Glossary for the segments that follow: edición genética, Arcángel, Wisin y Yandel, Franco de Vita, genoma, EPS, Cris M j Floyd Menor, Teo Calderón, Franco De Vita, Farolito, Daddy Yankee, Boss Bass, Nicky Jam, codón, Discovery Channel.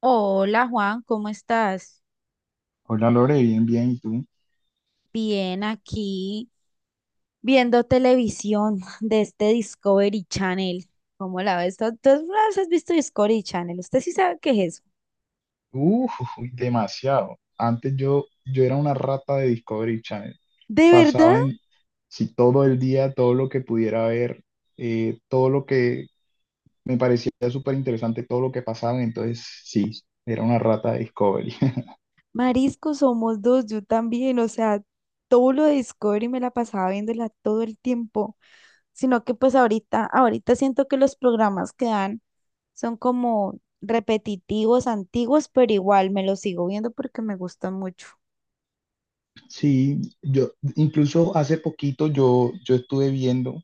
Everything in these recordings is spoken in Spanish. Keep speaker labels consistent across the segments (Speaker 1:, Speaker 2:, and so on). Speaker 1: Hola Juan, ¿cómo estás?
Speaker 2: Hola Lore, bien, bien, ¿y tú?
Speaker 1: Bien, aquí viendo televisión de este Discovery Channel. ¿Cómo la ves? ¿¿Tú alguna vez has visto Discovery Channel? ¿Usted sí sabe qué es eso?
Speaker 2: Uh, demasiado. Antes yo era una rata de Discovery Channel.
Speaker 1: ¿De verdad?
Speaker 2: Pasaba en, si todo el día, todo lo que pudiera ver, todo lo que me parecía súper interesante, todo lo que pasaba, entonces sí, era una rata de Discovery.
Speaker 1: Marisco, somos dos, yo también. O sea, todo lo de Discovery me la pasaba viéndola todo el tiempo. Sino que pues ahorita siento que los programas que dan son como repetitivos, antiguos, pero igual me los sigo viendo porque me gustan mucho.
Speaker 2: Sí, yo, incluso hace poquito yo estuve viendo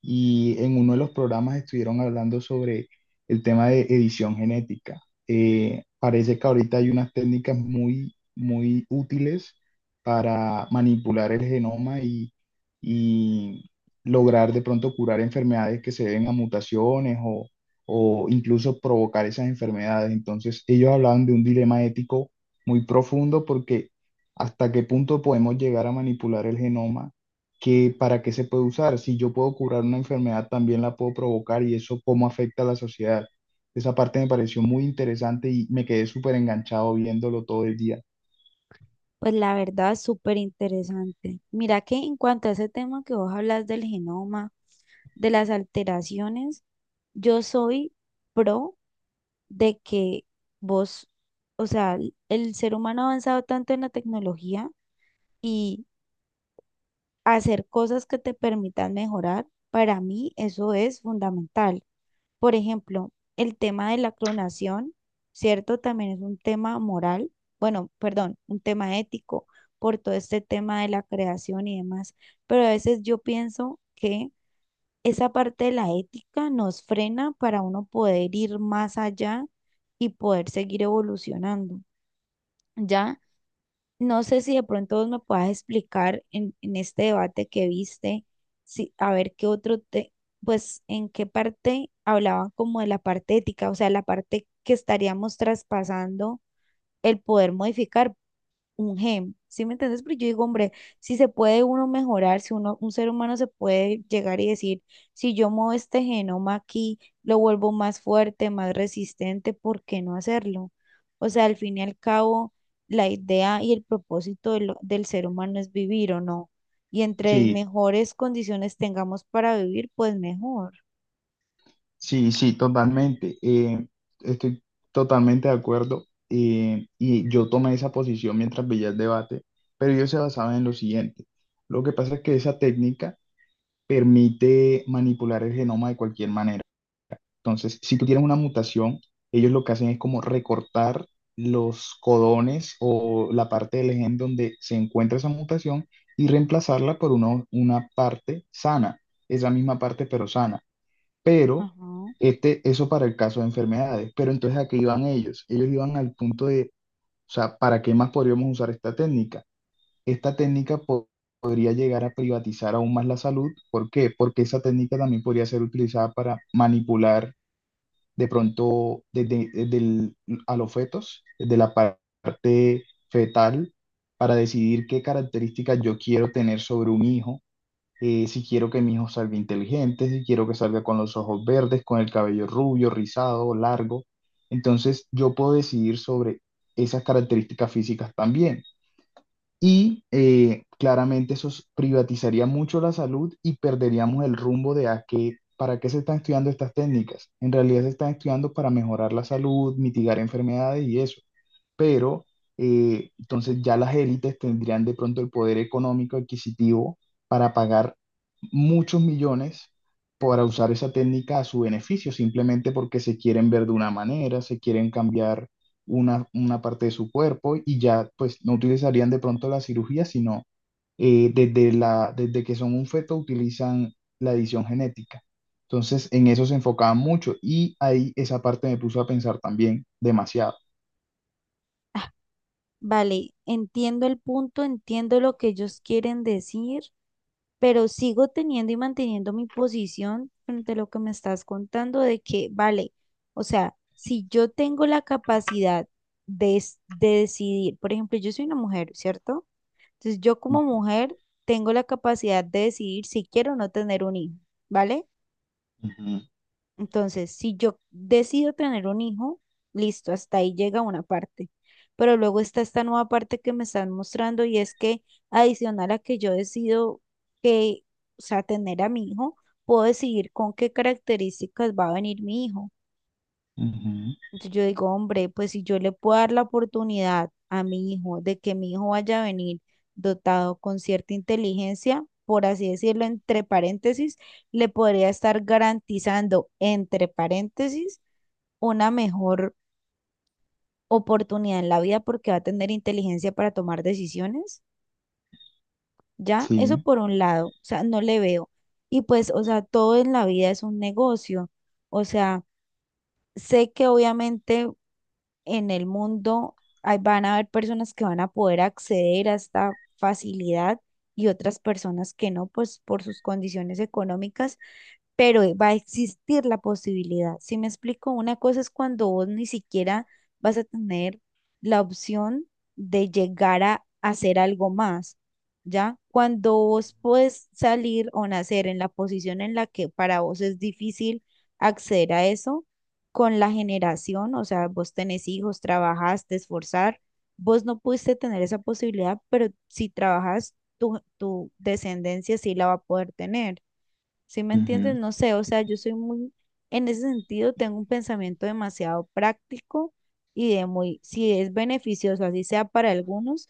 Speaker 2: y en uno de los programas estuvieron hablando sobre el tema de edición genética. Parece que ahorita hay unas técnicas muy, muy útiles para manipular el genoma y lograr de pronto curar enfermedades que se deben a mutaciones o incluso provocar esas enfermedades. Entonces, ellos hablaban de un dilema ético muy profundo porque hasta qué punto podemos llegar a manipular el genoma que para qué se puede usar. Si yo puedo curar una enfermedad, también la puedo provocar y eso cómo afecta a la sociedad. Esa parte me pareció muy interesante y me quedé súper enganchado viéndolo todo el día.
Speaker 1: Pues la verdad, súper interesante. Mira que en cuanto a ese tema que vos hablas del genoma, de las alteraciones, yo soy pro de que vos, o sea, el ser humano ha avanzado tanto en la tecnología y hacer cosas que te permitan mejorar, para mí eso es fundamental. Por ejemplo, el tema de la clonación, ¿cierto? También es un tema moral, bueno, perdón, un tema ético por todo este tema de la creación y demás. Pero a veces yo pienso que esa parte de la ética nos frena para uno poder ir más allá y poder seguir evolucionando, ¿ya? No sé si de pronto vos me puedas explicar en este debate que viste, si, a ver qué otro te, pues en qué parte hablaban como de la parte ética, o sea, la parte que estaríamos traspasando el poder modificar un gem, ¿sí me entiendes? Pero yo digo, hombre, si se puede uno mejorar, si uno, un ser humano se puede llegar y decir, si yo muevo este genoma aquí, lo vuelvo más fuerte, más resistente, ¿por qué no hacerlo? O sea, al fin y al cabo, la idea y el propósito de lo- del ser humano es vivir o no. Y entre
Speaker 2: Sí,
Speaker 1: mejores condiciones tengamos para vivir, pues mejor.
Speaker 2: sí, sí, totalmente. Estoy totalmente de acuerdo. Y yo tomé esa posición mientras veía el debate, pero yo se basaba en lo siguiente. Lo que pasa es que esa técnica permite manipular el genoma de cualquier manera. Entonces, si tú tienes una mutación, ellos lo que hacen es como recortar los codones o la parte del gen donde se encuentra esa mutación y reemplazarla por una parte sana, es la misma parte pero sana. Pero
Speaker 1: Ajá.
Speaker 2: eso para el caso de enfermedades. Pero entonces, ¿a qué iban ellos? Ellos iban al punto de, o sea, ¿para qué más podríamos usar esta técnica? Esta técnica po- podría llegar a privatizar aún más la salud. ¿Por qué? Porque esa técnica también podría ser utilizada para manipular de pronto a los fetos, desde la parte fetal, para decidir qué características yo quiero tener sobre un hijo, si quiero que mi hijo salga inteligente, si quiero que salga con los ojos verdes, con el cabello rubio, rizado, largo. Entonces yo puedo decidir sobre esas características físicas también. Y claramente privatizaría mucho la salud y perderíamos el rumbo de a qué, para qué se están estudiando estas técnicas. En realidad se están estudiando para mejorar la salud, mitigar enfermedades y eso pero entonces ya las élites tendrían de pronto el poder económico adquisitivo para pagar muchos millones para usar esa técnica a su beneficio, simplemente porque se quieren ver de una manera, se quieren cambiar una parte de su cuerpo y ya pues no utilizarían de pronto la cirugía, sino desde desde que son un feto utilizan la edición genética. Entonces, en eso se enfocaban mucho y ahí esa parte me puso a pensar también demasiado.
Speaker 1: Ah, vale, entiendo el punto, entiendo lo que ellos quieren decir. Pero sigo teniendo y manteniendo mi posición frente a lo que me estás contando de que, vale, o sea, si yo tengo la capacidad de, es- de decidir, por ejemplo, yo soy una mujer, ¿cierto? Entonces yo como mujer tengo la capacidad de decidir si quiero o no tener un hijo, ¿vale?
Speaker 2: Ujú.
Speaker 1: Entonces, si yo decido tener un hijo, listo, hasta ahí llega una parte. Pero luego está esta nueva parte que me están mostrando y es que adicional a que yo decido que, o sea, tener a mi hijo, puedo decidir con qué características va a venir mi hijo.
Speaker 2: Ujú.
Speaker 1: Entonces yo digo, hombre, pues si yo le puedo dar la oportunidad a mi hijo de que mi hijo vaya a venir dotado con cierta inteligencia, por así decirlo, entre paréntesis, le podría estar garantizando, entre paréntesis, una mejor oportunidad en la vida porque va a tener inteligencia para tomar decisiones, ¿ya? Eso
Speaker 2: Sí.
Speaker 1: por un lado, o sea, no le veo. Y pues, o sea, todo en la vida es un negocio, o sea, sé que obviamente en el mundo hay- van a haber personas que van a poder acceder a esta facilidad y otras personas que no, pues por sus condiciones económicas, pero va a existir la posibilidad. Si me explico, una cosa es cuando vos ni siquiera vas a tener la opción de llegar a hacer algo más. ¿Ya? Cuando vos puedes salir o nacer en la posición en la que para vos es difícil acceder a eso, con la generación, o sea, vos tenés hijos, trabajás, te esforzar, vos no pudiste tener esa posibilidad, pero si trabajas, tu descendencia sí la va a poder tener. ¿Sí me entiendes?
Speaker 2: Ujú.
Speaker 1: No sé, o sea, yo soy muy, en ese sentido, tengo un pensamiento demasiado práctico y de muy, si es beneficioso, así sea para algunos,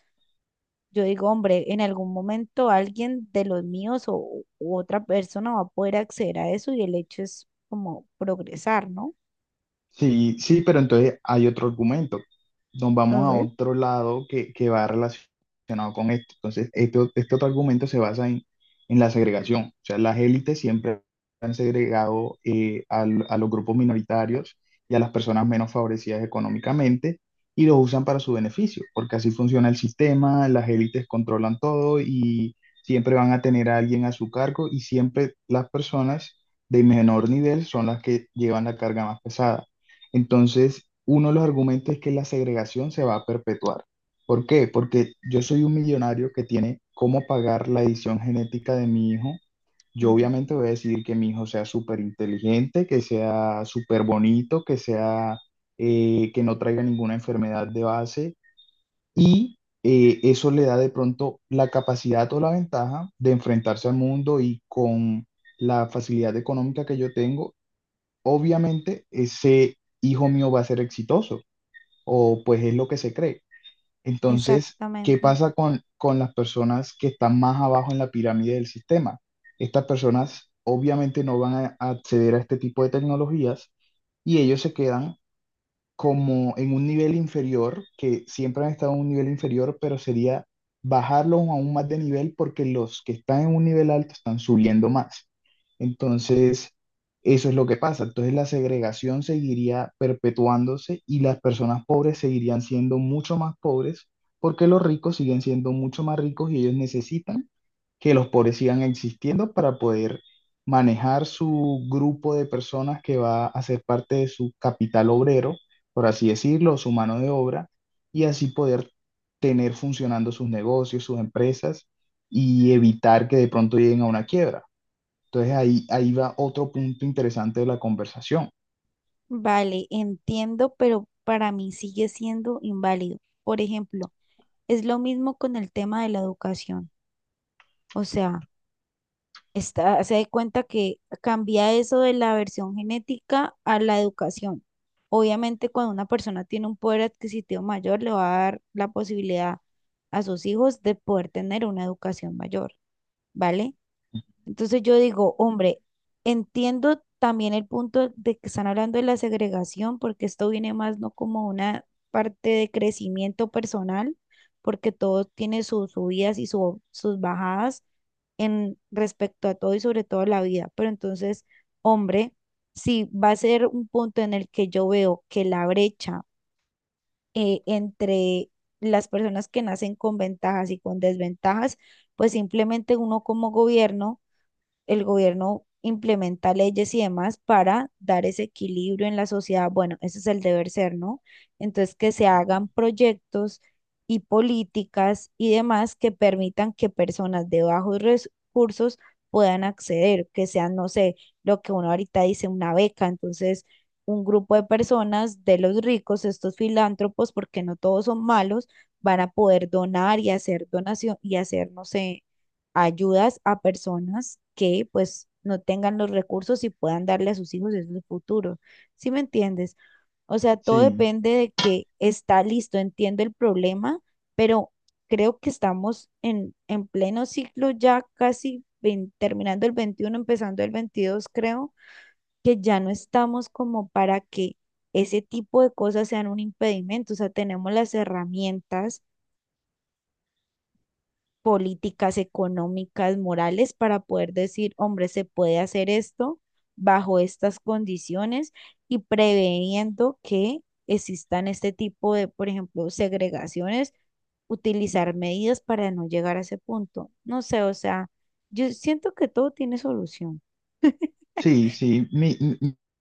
Speaker 1: yo digo, hombre, en algún momento alguien de los míos o, u otra persona va a poder acceder a eso y el hecho es como progresar, ¿no?
Speaker 2: Sí, sí, pero entonces hay otro argumento. Nos vamos a otro lado que va relacionado con esto. Entonces, este otro argumento se basa en la segregación. O sea, las élites siempre han segregado a los grupos minoritarios y a las personas menos favorecidas económicamente y los usan para su beneficio, porque así funciona el sistema, las élites controlan todo y siempre van a tener a alguien a su cargo y siempre las personas de menor nivel son las que llevan la carga más pesada. Entonces, uno de los argumentos es que la segregación se va a perpetuar. ¿Por qué? Porque yo soy un millonario que tiene cómo pagar la edición genética de mi hijo. Yo obviamente
Speaker 1: Ujú.
Speaker 2: voy a decidir que mi hijo sea súper inteligente, que sea súper bonito, que sea, que no traiga ninguna enfermedad de base y eso le da de pronto la capacidad o la ventaja de enfrentarse al mundo y con la facilidad económica que yo tengo, obviamente ese hijo mío va a ser exitoso, o pues es lo que se cree. Entonces, ¿qué
Speaker 1: Exactamente.
Speaker 2: pasa con las personas que están más abajo en la pirámide del sistema? Estas personas obviamente no van a acceder a este tipo de tecnologías y ellos se quedan como en un nivel inferior, que siempre han estado en un nivel inferior, pero sería bajarlos aún más de nivel porque los que están en un nivel alto están subiendo más. Entonces, eso es lo que pasa. Entonces, la segregación seguiría perpetuándose y las personas pobres seguirían siendo mucho más pobres porque los ricos siguen siendo mucho más ricos y ellos necesitan que los pobres sigan existiendo para poder manejar su grupo de personas que va a ser parte de su capital obrero por así decirlo, su mano de obra, y así poder tener funcionando sus negocios, sus empresas y evitar que de pronto lleguen a una quiebra. Entonces ahí va otro punto interesante de la conversación.
Speaker 1: Vale, entiendo, pero para mí sigue siendo inválido. Por ejemplo, es lo mismo con el tema de la educación. O sea, está, se da cuenta que cambia eso de la versión genética a la educación. Obviamente, cuando una persona tiene un poder adquisitivo mayor, le va a dar la posibilidad a sus hijos de poder tener una educación mayor, ¿vale? Entonces yo digo, hombre, entiendo también el punto de que están hablando de la segregación, porque esto viene más no como una parte de crecimiento personal, porque todo tiene sus subidas y su- sus bajadas en respecto a todo y sobre todo a la vida. Pero entonces, hombre, si va a ser un punto en el que yo veo que la brecha entre las personas que nacen con ventajas y con desventajas, pues simplemente uno como gobierno el gobierno implementa leyes y demás para dar ese equilibrio en la sociedad. Bueno, ese es el deber ser, ¿no? Entonces, que se
Speaker 2: Ujú.
Speaker 1: hagan proyectos y políticas y demás que permitan que personas de bajos recursos puedan acceder, que sean, no sé, lo que uno ahorita dice, una beca. Entonces, un grupo de personas de los ricos, estos filántropos, porque no todos son malos, van a poder donar y hacer donación y hacer, no sé, ayudas a personas que pues no tengan los recursos y puedan darle a sus hijos ese futuro. ¿Sí me entiendes? O sea, todo
Speaker 2: Sí.
Speaker 1: depende de que está listo, entiendo el problema, pero creo que estamos en pleno ciclo ya casi vein- terminando el 21, empezando el 22, creo que ya no estamos como para que ese tipo de cosas sean un impedimento, o sea, tenemos las herramientas políticas, económicas, morales, para poder decir, hombre, se puede hacer esto bajo estas condiciones y preveniendo que existan este tipo de, por ejemplo, segregaciones, utilizar medidas para no llegar a ese punto. No sé, o sea, yo siento que todo tiene solución.
Speaker 2: Sí, sí,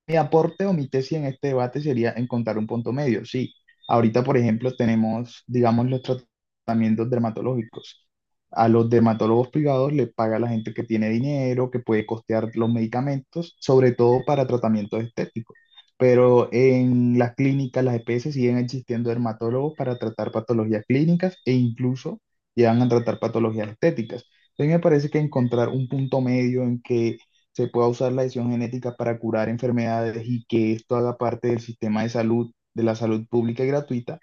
Speaker 2: mi aporte o mi tesis en este debate sería encontrar un punto medio. Sí, ahorita, por ejemplo, tenemos, digamos, los tratamientos dermatológicos. A los dermatólogos privados le paga la gente que tiene dinero, que puede costear los medicamentos, sobre todo para tratamientos estéticos. Pero en las clínicas, las EPS siguen existiendo dermatólogos para tratar patologías clínicas e incluso llegan a tratar patologías estéticas. Entonces me parece que encontrar un punto medio en que se pueda usar la edición genética para curar enfermedades y que esto haga parte del sistema de salud, de la salud pública y gratuita,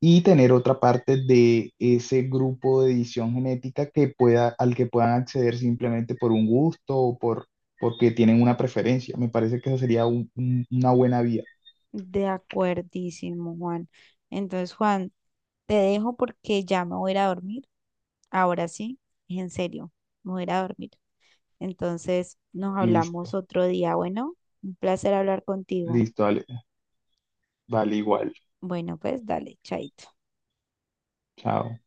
Speaker 2: y tener otra parte de ese grupo de edición genética que pueda, al que puedan acceder simplemente por un gusto o por, porque tienen una preferencia. Me parece que esa sería una buena vía.
Speaker 1: De acuerdísimo, Juan. Entonces, Juan, te dejo porque ya me voy a ir a dormir. Ahora sí, en serio, me voy a ir a dormir. Entonces nos hablamos
Speaker 2: Listo,
Speaker 1: otro día. Bueno, un placer hablar contigo.
Speaker 2: listo, vale, vale igual.
Speaker 1: Bueno, pues dale, chaito.
Speaker 2: Chao.